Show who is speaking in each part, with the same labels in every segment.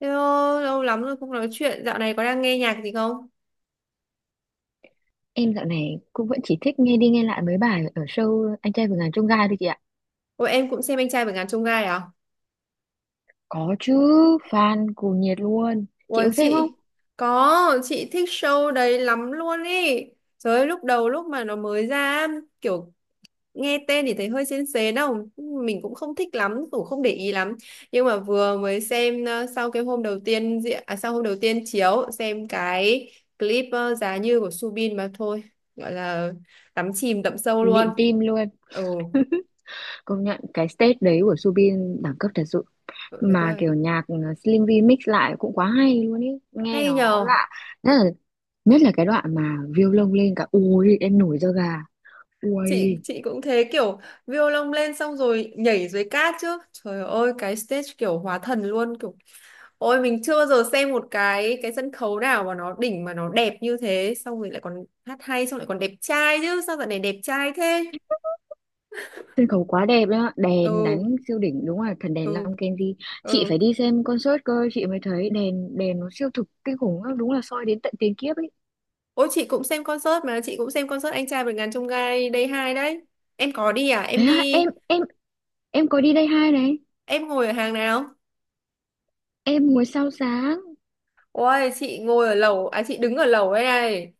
Speaker 1: Hello, lâu lắm rồi không nói chuyện. Dạo này có đang nghe nhạc gì không?
Speaker 2: Em dạo này cũng vẫn chỉ thích nghe đi nghe lại mấy bài ở show Anh trai vượt ngàn chông gai thôi chị ạ.
Speaker 1: Ôi em cũng xem anh trai vượt ngàn chông gai à?
Speaker 2: Có chứ, fan cuồng nhiệt luôn. Chị
Speaker 1: Ôi
Speaker 2: có xem không?
Speaker 1: chị, có, chị thích show đấy lắm luôn ý. Trời ơi, lúc đầu lúc mà nó mới ra, kiểu nghe tên thì thấy hơi sến sến đâu. Mình cũng không thích lắm, cũng không để ý lắm. Nhưng mà vừa mới xem sau cái hôm đầu tiên diễn, à, sau hôm đầu tiên chiếu, xem cái clip Giá Như của Subin mà thôi. Gọi là đắm chìm đậm sâu luôn.
Speaker 2: Lịm tim luôn.
Speaker 1: Ừ,
Speaker 2: Công nhận cái stage đấy của Subin đẳng cấp thật sự.
Speaker 1: gọi người
Speaker 2: Mà
Speaker 1: tôi
Speaker 2: kiểu nhạc Slim V mix lại cũng quá hay luôn ý. Nghe
Speaker 1: hay
Speaker 2: nó
Speaker 1: nhờ.
Speaker 2: lạ. Nhất là, nhất là cái đoạn mà violon lông lên cả. Ui, em nổi da gà.
Speaker 1: chị
Speaker 2: Ui.
Speaker 1: chị cũng thế, kiểu violon lên xong rồi nhảy dưới cát chứ, trời ơi cái stage kiểu hóa thần luôn, kiểu ôi mình chưa bao giờ xem một cái sân khấu nào mà nó đỉnh mà nó đẹp như thế, xong rồi lại còn hát hay, xong lại còn đẹp trai chứ, sao dạo này đẹp trai thế.
Speaker 2: Sân khấu quá đẹp đó, đèn
Speaker 1: ừ
Speaker 2: đánh siêu đỉnh, đúng là thần đèn
Speaker 1: ừ
Speaker 2: Long Kenji. Chị
Speaker 1: ừ
Speaker 2: phải đi xem concert cơ, chị mới thấy đèn đèn nó siêu thực kinh khủng lắm, đúng là soi đến tận tiền kiếp ấy.
Speaker 1: Ôi chị cũng xem concert mà, chị cũng xem concert anh trai vượt ngàn chông gai Day 2 đấy. Em có đi à?
Speaker 2: Thế
Speaker 1: Em
Speaker 2: hả,
Speaker 1: đi
Speaker 2: em có đi đây hai này?
Speaker 1: em ngồi ở hàng nào?
Speaker 2: Em ngồi sao sáng.
Speaker 1: Ôi chị ngồi ở lầu à, chị đứng ở lầu đây này.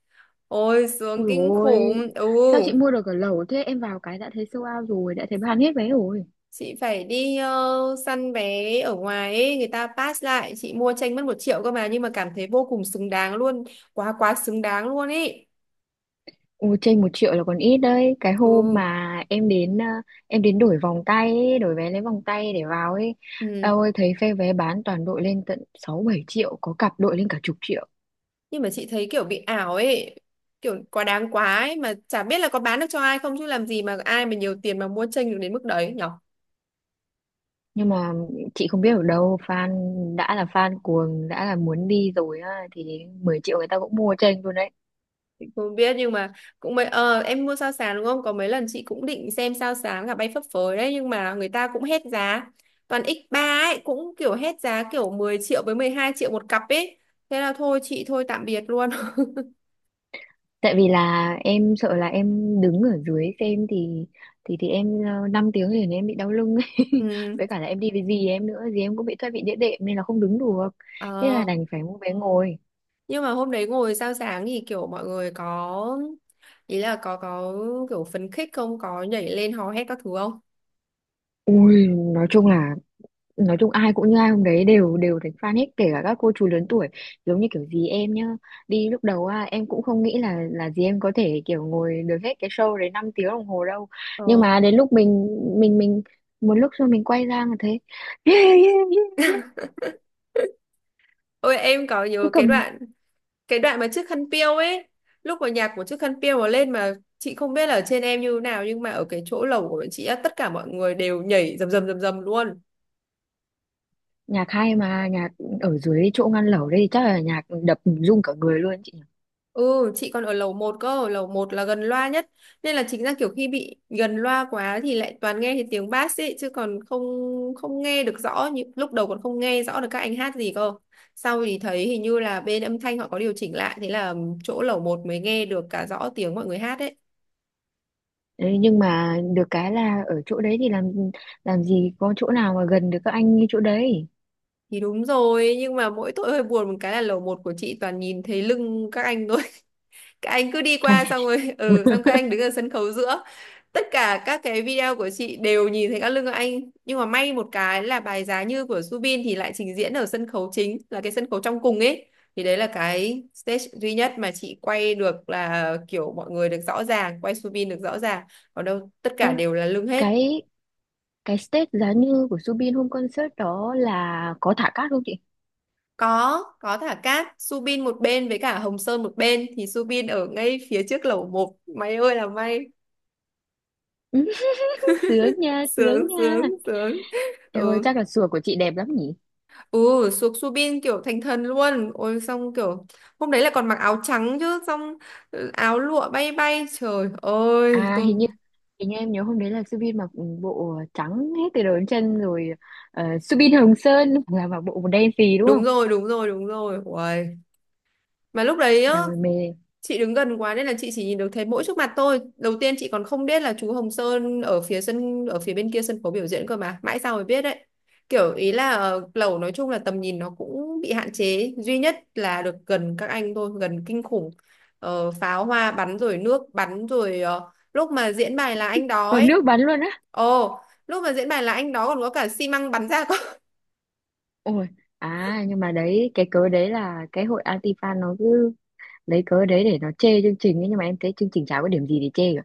Speaker 1: Ôi sướng
Speaker 2: Ui
Speaker 1: kinh
Speaker 2: rồi,
Speaker 1: khủng. Ừ.
Speaker 2: sao chị mua được ở lẩu thế? Em vào cái đã thấy sold out rồi, đã thấy bán hết vé rồi.
Speaker 1: Chị phải đi săn vé ở ngoài ấy, người ta pass lại, chị mua tranh mất 1 triệu cơ mà nhưng mà cảm thấy vô cùng xứng đáng luôn, quá quá xứng đáng luôn ấy.
Speaker 2: Ồ, trên 1 triệu là còn ít đấy. Cái hôm
Speaker 1: Ừ,
Speaker 2: mà em đến đổi vòng tay ấy, đổi vé lấy vòng tay để vào ấy,
Speaker 1: ừ.
Speaker 2: ôi thấy phe vé bán toàn đội lên tận 6-7 triệu, có cặp đội lên cả chục triệu.
Speaker 1: Nhưng mà chị thấy kiểu bị ảo ấy, kiểu quá đáng quá ấy, mà chả biết là có bán được cho ai không, chứ làm gì mà ai mà nhiều tiền mà mua tranh được đến mức đấy nhỉ?
Speaker 2: Nhưng mà chị không biết, ở đâu đã là fan cuồng, đã là muốn đi rồi á, thì 10 triệu người ta cũng mua chênh luôn đấy.
Speaker 1: Chị không biết, nhưng mà cũng mấy em mua sao sàn đúng không? Có mấy lần chị cũng định xem sao sàn cả bay phấp phới đấy, nhưng mà người ta cũng hết giá. Toàn x ba ấy, cũng kiểu hết giá, kiểu 10 triệu với 12 triệu một cặp ấy. Thế là thôi chị thôi tạm biệt luôn.
Speaker 2: Tại vì là em sợ là em đứng ở dưới xem thì em 5 tiếng liền em bị đau lưng ấy.
Speaker 1: Ừ.
Speaker 2: Với cả là em đi với dì em nữa, dì em cũng bị thoát vị đĩa đệm nên là không đứng được, thế là
Speaker 1: Ờ,
Speaker 2: đành phải mua vé ngồi.
Speaker 1: nhưng mà hôm đấy ngồi sao sáng thì kiểu mọi người có ý là có kiểu phấn khích không, có nhảy lên hò hét các thứ không?
Speaker 2: Ui, nói chung là nói chung ai cũng như ai, hôm đấy đều đều thành fan hết, kể cả các cô chú lớn tuổi. Giống như kiểu dì em nhá, đi lúc đầu à, em cũng không nghĩ là dì em có thể kiểu ngồi được hết cái show đấy 5 tiếng đồng hồ đâu. Nhưng
Speaker 1: Ờ.
Speaker 2: mà đến lúc mình một lúc sau mình quay ra mà thấy.
Speaker 1: Ôi em có
Speaker 2: Cứ
Speaker 1: nhớ cái
Speaker 2: cầm.
Speaker 1: đoạn, cái đoạn mà chiếc khăn piêu ấy, lúc mà nhạc của chiếc khăn piêu mà lên, mà chị không biết là ở trên em như thế nào nhưng mà ở cái chỗ lầu của bọn chị á, tất cả mọi người đều nhảy rầm rầm rầm rầm luôn.
Speaker 2: Nhạc hay mà, nhạc ở dưới chỗ ngăn lẩu đây thì chắc là nhạc đập rung cả người luôn chị nhỉ.
Speaker 1: Ừ, chị còn ở lầu một cơ, lầu một là gần loa nhất, nên là chính ra kiểu khi bị gần loa quá thì lại toàn nghe thấy tiếng bass ấy, chứ còn không không nghe được rõ như lúc đầu, còn không nghe rõ được các anh hát gì cơ. Sau thì thấy hình như là bên âm thanh họ có điều chỉnh lại, thế là chỗ lầu một mới nghe được cả rõ tiếng mọi người hát ấy.
Speaker 2: Đấy, nhưng mà được cái là ở chỗ đấy thì làm gì có chỗ nào mà gần được các anh như chỗ đấy.
Speaker 1: Thì đúng rồi, nhưng mà mỗi tội hơi buồn một cái là lầu một của chị toàn nhìn thấy lưng các anh thôi. Các anh cứ đi qua xong rồi, ừ, xong các anh đứng ở sân khấu giữa. Tất cả các cái video của chị đều nhìn thấy các lưng các anh. Nhưng mà may một cái là bài Giá Như của Subin thì lại trình diễn ở sân khấu chính, là cái sân khấu trong cùng ấy. Thì đấy là cái stage duy nhất mà chị quay được là kiểu mọi người được rõ ràng, quay Subin được rõ ràng. Còn đâu tất
Speaker 2: Ơ,
Speaker 1: cả đều là lưng hết.
Speaker 2: cái cái stage giá như của Subin hôm concert đó là có thả cát không chị?
Speaker 1: Có thả cát, Subin một bên với cả Hồng Sơn một bên, thì Subin ở ngay phía trước lẩu một. Mày ơi là may.
Speaker 2: Ừ, sướng nha,
Speaker 1: Sướng
Speaker 2: sướng nha.
Speaker 1: sướng sướng.
Speaker 2: Em ơi,
Speaker 1: Ừ,
Speaker 2: chắc là sùa của chị đẹp lắm nhỉ?
Speaker 1: ừ xuống Subin kiểu thành thần luôn. Ôi xong kiểu hôm đấy là còn mặc áo trắng chứ, xong ừ, áo lụa bay bay. Trời ơi,
Speaker 2: À,
Speaker 1: tôi
Speaker 2: hình như em nhớ hôm đấy là Subin mặc bộ trắng hết từ đầu đến chân rồi, Subin Hồng Sơn là mặc bộ đen xì đúng không?
Speaker 1: đúng rồi, đúng rồi, đúng rồi. Uầy. Mà lúc đấy á
Speaker 2: Nhà ngoài mê
Speaker 1: chị đứng gần quá nên là chị chỉ nhìn được thấy mỗi trước mặt tôi, đầu tiên chị còn không biết là chú Hồng Sơn ở phía sân, ở phía bên kia sân khấu biểu diễn cơ, mà mãi sau mới biết đấy. Kiểu ý là lẩu nói chung là tầm nhìn nó cũng bị hạn chế, duy nhất là được gần các anh thôi, gần kinh khủng. Pháo hoa bắn rồi, nước bắn rồi, lúc mà diễn bài là anh đó
Speaker 2: vào
Speaker 1: ấy,
Speaker 2: nước bắn luôn á,
Speaker 1: ồ, lúc mà diễn bài là anh đó còn có cả xi măng bắn ra cơ.
Speaker 2: ôi. À nhưng mà đấy, cái cớ đấy là cái hội anti-fan nó cứ lấy cớ đấy để nó chê chương trình ấy, nhưng mà em thấy chương trình chả có điểm gì để chê cả,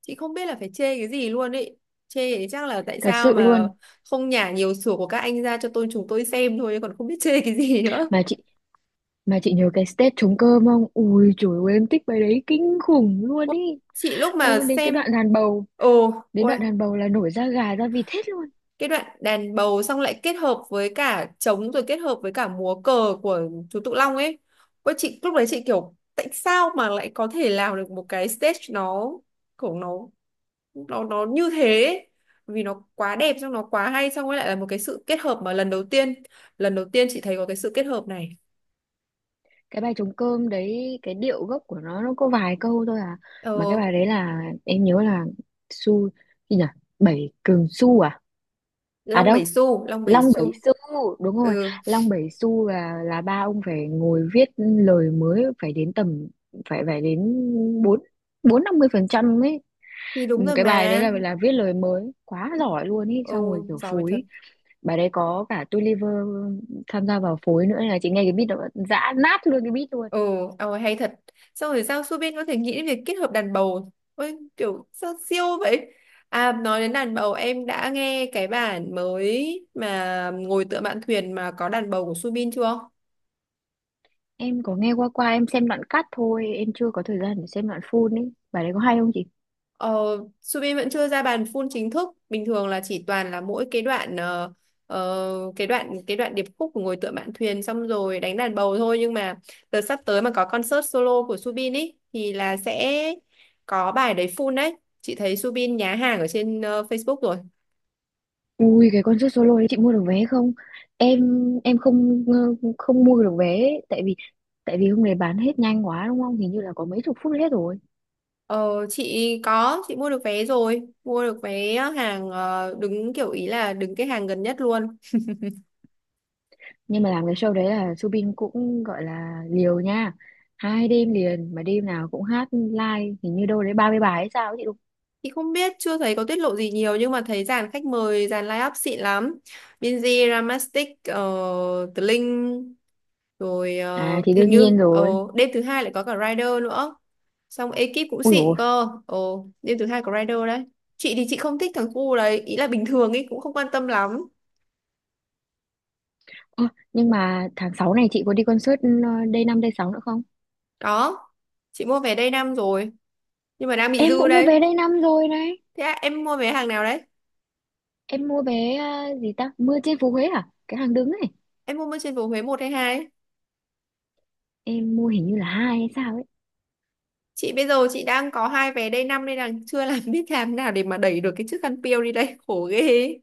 Speaker 1: Chị không biết là phải chê cái gì luôn ấy, chê thì chắc là tại
Speaker 2: thật
Speaker 1: sao
Speaker 2: sự
Speaker 1: mà
Speaker 2: luôn.
Speaker 1: không nhả nhiều sủa của các anh ra cho tôi chúng tôi xem thôi, còn không biết chê cái gì nữa.
Speaker 2: Mà chị mà chị nhớ cái stage trống cơm không? Ui trời ơi, em thích bài đấy kinh khủng luôn
Speaker 1: Ôi,
Speaker 2: ý,
Speaker 1: chị lúc
Speaker 2: em
Speaker 1: mà
Speaker 2: muốn đến cái
Speaker 1: xem,
Speaker 2: đoạn đàn bầu,
Speaker 1: ồ
Speaker 2: đến
Speaker 1: ôi,
Speaker 2: đoạn đàn bầu là nổi da gà da vịt hết luôn.
Speaker 1: cái đoạn đàn bầu xong lại kết hợp với cả trống, rồi kết hợp với cả múa cờ của chú Tự Long ấy, ôi chị lúc đấy chị kiểu tại sao mà lại có thể làm được một cái stage, nó kiểu nó nó như thế, vì nó quá đẹp, xong nó quá hay, xong rồi lại là một cái sự kết hợp mà lần đầu tiên, lần đầu tiên chị thấy có cái sự kết hợp này.
Speaker 2: Cái bài trống cơm đấy, cái điệu gốc của nó có vài câu thôi à,
Speaker 1: Ờ,
Speaker 2: mà cái bài đấy là em nhớ là su gì nhỉ, bảy cường su à, à
Speaker 1: Long
Speaker 2: đâu,
Speaker 1: Bảy Xu Long Bảy
Speaker 2: Long Bảy
Speaker 1: Xu.
Speaker 2: Xu, đúng rồi.
Speaker 1: Ừ
Speaker 2: Long Bảy Xu là ba ông phải ngồi viết lời mới, phải đến tầm phải phải đến bốn, bốn năm mươi phần trăm ấy.
Speaker 1: thì
Speaker 2: Ừ,
Speaker 1: đúng rồi
Speaker 2: cái bài đấy
Speaker 1: mà.
Speaker 2: là viết lời mới quá giỏi luôn ý,
Speaker 1: Ừ
Speaker 2: xong rồi kiểu
Speaker 1: giỏi thật.
Speaker 2: phối. Bài đấy có cả Tulliver tham gia vào phối nữa, là chị nghe cái beat đó dã nát luôn cái beat luôn.
Speaker 1: Ừ. Hay thật, xong rồi sao Subin có thể nghĩ đến việc kết hợp đàn bầu, ôi kiểu sao siêu vậy. À nói đến đàn bầu, em đã nghe cái bản mới mà ngồi tựa mạn thuyền mà có đàn bầu của Subin chưa?
Speaker 2: Em có nghe qua qua em xem đoạn cắt thôi, em chưa có thời gian để xem đoạn full ấy, bài đấy có hay không chị?
Speaker 1: Ờ, Subin vẫn chưa ra bàn full chính thức, bình thường là chỉ toàn là mỗi cái đoạn cái đoạn, cái đoạn điệp khúc của ngồi tựa mạn thuyền xong rồi đánh đàn bầu thôi, nhưng mà đợt sắp tới mà có concert solo của Subin ý thì là sẽ có bài đấy full đấy, chị thấy Subin nhá hàng ở trên Facebook rồi.
Speaker 2: Ui cái concert solo đấy chị mua được vé không? Em em không không mua được vé ấy, tại vì hôm nay bán hết nhanh quá đúng không? Hình như là có mấy chục phút hết rồi.
Speaker 1: Ờ, chị có, chị mua được vé rồi, mua được vé hàng đứng, kiểu ý là đứng cái hàng gần nhất luôn.
Speaker 2: Nhưng mà làm cái show đấy là Subin cũng gọi là liều nha. 2 đêm liền mà đêm nào cũng hát live, hình như đâu đấy 30 bài hay sao ấy chị đúng.
Speaker 1: Chị không biết, chưa thấy có tiết lộ gì nhiều nhưng mà thấy dàn khách mời, dàn line-up xịn lắm. Binz, Ramastic, The Linh, rồi
Speaker 2: À thì
Speaker 1: hình
Speaker 2: đương nhiên
Speaker 1: như
Speaker 2: rồi.
Speaker 1: đêm thứ hai lại có cả Rider nữa. Xong ekip cũng
Speaker 2: Ui dồi,
Speaker 1: xịn
Speaker 2: ôi.
Speaker 1: cơ. Ờ, đêm thứ hai có Rider đấy. Chị thì chị không thích thằng cu đấy, ý là bình thường ý cũng không quan tâm lắm.
Speaker 2: Ơ, nhưng mà tháng 6 này chị có đi concert Day 5 Day 6 nữa không?
Speaker 1: Đó, chị mua vé Day 5 rồi nhưng mà đang bị
Speaker 2: Em
Speaker 1: dư
Speaker 2: cũng mua
Speaker 1: đây.
Speaker 2: vé Day 5 rồi này.
Speaker 1: Thế à, em mua vé hàng nào đấy?
Speaker 2: Em mua vé gì ta? Mưa trên phố Huế à? Cái hàng đứng ấy.
Speaker 1: Em mua bên trên phố Huế một hay hai?
Speaker 2: Em mua hình như là hai hay sao ấy.
Speaker 1: Chị bây giờ chị đang có hai vé Day 5 nên là chưa làm biết làm nào để mà đẩy được cái chiếc khăn piêu đi đây, khổ ghê.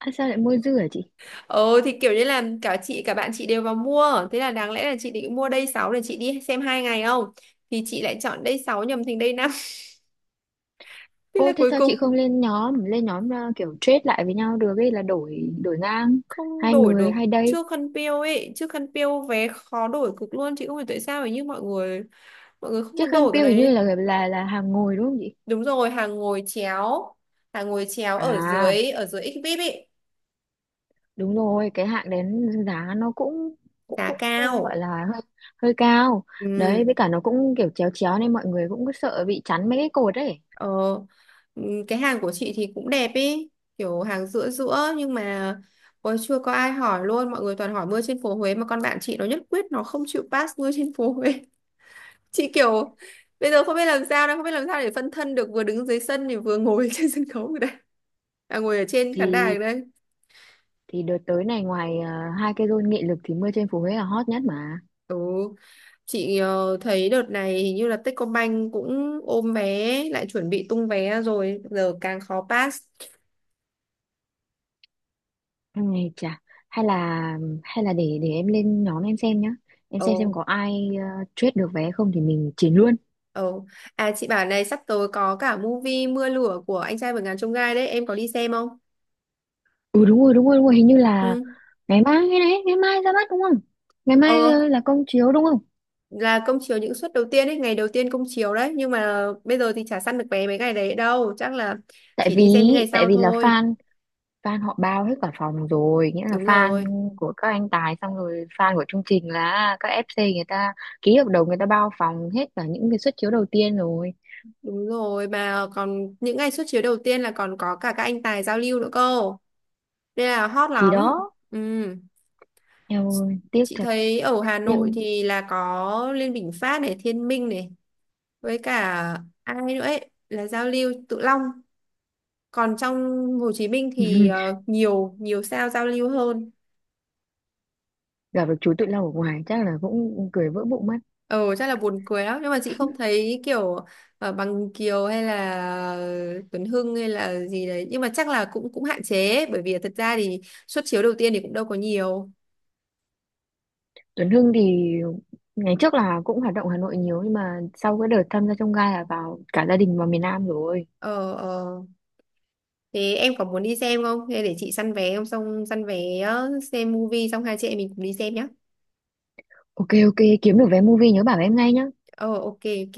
Speaker 2: À, sao lại mua dư hả chị?
Speaker 1: Ờ thì kiểu như là cả chị cả bạn chị đều vào mua, thế là đáng lẽ là chị định mua Day 6 để chị đi xem hai ngày không, thì chị lại chọn Day 6 nhầm thành Day 5. Thế là
Speaker 2: Ô thế
Speaker 1: cuối
Speaker 2: sao chị
Speaker 1: cùng
Speaker 2: không lên nhóm kiểu trade lại với nhau được ấy, là đổi đổi ngang
Speaker 1: không
Speaker 2: hai
Speaker 1: đổi
Speaker 2: người
Speaker 1: được.
Speaker 2: hai đây.
Speaker 1: Trước khăn piêu ấy, trước khăn piêu vé khó đổi cực luôn, chị không hiểu tại sao ấy, nhưng mọi người không
Speaker 2: Chiếc
Speaker 1: muốn
Speaker 2: khăn
Speaker 1: đổi cái
Speaker 2: piêu hình như là
Speaker 1: đấy.
Speaker 2: là là hàng ngồi đúng không chị?
Speaker 1: Đúng rồi, hàng ngồi chéo, hàng ngồi chéo ở
Speaker 2: À
Speaker 1: dưới, ở dưới XVIP ấy.
Speaker 2: đúng rồi. Cái hạng đến giá nó cũng cũng
Speaker 1: Giá
Speaker 2: cũng gọi
Speaker 1: cao.
Speaker 2: là hơi hơi cao
Speaker 1: Ừ.
Speaker 2: đấy, với cả nó cũng kiểu chéo chéo nên mọi người cũng cứ sợ bị chắn mấy cái cột ấy.
Speaker 1: Ờ, cái hàng của chị thì cũng đẹp ý, kiểu hàng giữa giữa, nhưng mà ôi, chưa có ai hỏi luôn, mọi người toàn hỏi mưa trên phố Huế mà con bạn chị nó nhất quyết nó không chịu pass mưa trên phố Huế. Chị kiểu bây giờ không biết làm sao, đang không biết làm sao để phân thân được, vừa đứng dưới sân thì vừa ngồi trên sân khấu ở đây, à, ngồi ở trên khán đài
Speaker 2: thì
Speaker 1: ở đây.
Speaker 2: thì đợt tới này ngoài hai cái rôn nghị lực thì mưa trên phố Huế là hot nhất mà.
Speaker 1: Ừ, chị thấy đợt này hình như là Techcombank cũng ôm vé, lại chuẩn bị tung vé rồi, giờ càng khó pass.
Speaker 2: Ừ, chà, hay là hay là để em lên nhóm em xem nhá, em
Speaker 1: Ờ.
Speaker 2: xem có ai trade được vé không thì mình chiến luôn.
Speaker 1: Ồ, à chị bảo này sắp tới có cả movie Mưa lửa của anh trai vượt ngàn chông gai đấy, em có đi xem không?
Speaker 2: Ừ đúng rồi đúng rồi đúng rồi, hình như là
Speaker 1: Ừ.
Speaker 2: ngày mai hay đấy, ngày mai ra mắt đúng không, ngày mai
Speaker 1: Ờ,
Speaker 2: là công chiếu đúng không?
Speaker 1: là công chiếu những suất đầu tiên ấy, ngày đầu tiên công chiếu đấy, nhưng mà bây giờ thì chả săn được vé mấy ngày đấy đâu, chắc là
Speaker 2: tại
Speaker 1: chỉ
Speaker 2: vì
Speaker 1: đi xem những ngày
Speaker 2: tại
Speaker 1: sau
Speaker 2: vì là
Speaker 1: thôi.
Speaker 2: fan fan họ bao hết cả phòng rồi, nghĩa là
Speaker 1: Đúng
Speaker 2: fan
Speaker 1: rồi,
Speaker 2: của các anh Tài, xong rồi fan của chương trình là các FC, người ta ký hợp đồng người ta bao phòng hết cả những cái suất chiếu đầu tiên rồi.
Speaker 1: đúng rồi, mà còn những ngày suất chiếu đầu tiên là còn có cả các anh tài giao lưu nữa cơ, nên là hot
Speaker 2: Thì
Speaker 1: lắm.
Speaker 2: đó,
Speaker 1: Ừ.
Speaker 2: eo ơi tiếc
Speaker 1: Chị
Speaker 2: thật.
Speaker 1: thấy ở Hà Nội
Speaker 2: Nhưng
Speaker 1: thì là có Liên Bình Phát này, Thiên Minh này, với cả ai nữa ấy là giao lưu Tự Long, còn trong Hồ Chí Minh thì nhiều nhiều sao giao lưu hơn.
Speaker 2: gặp được chú Tự Long ở ngoài chắc là cũng cười vỡ bụng mất.
Speaker 1: Ờ chắc là buồn cười lắm, nhưng mà chị không thấy kiểu Bằng Kiều hay là Tuấn Hưng hay là gì đấy, nhưng mà chắc là cũng cũng hạn chế ấy, bởi vì thật ra thì suất chiếu đầu tiên thì cũng đâu có nhiều.
Speaker 2: Tuấn Hưng thì ngày trước là cũng hoạt động Hà Nội nhiều, nhưng mà sau cái đợt tham gia trong gai là vào cả gia đình vào miền Nam rồi.
Speaker 1: Ờ. Thế em có muốn đi xem không, hay để chị săn vé không, xong săn vé xem movie xong hai chị em mình cùng đi xem nhá.
Speaker 2: Ok ok kiếm được vé movie nhớ bảo em ngay nhá.
Speaker 1: Ờ, ok ok.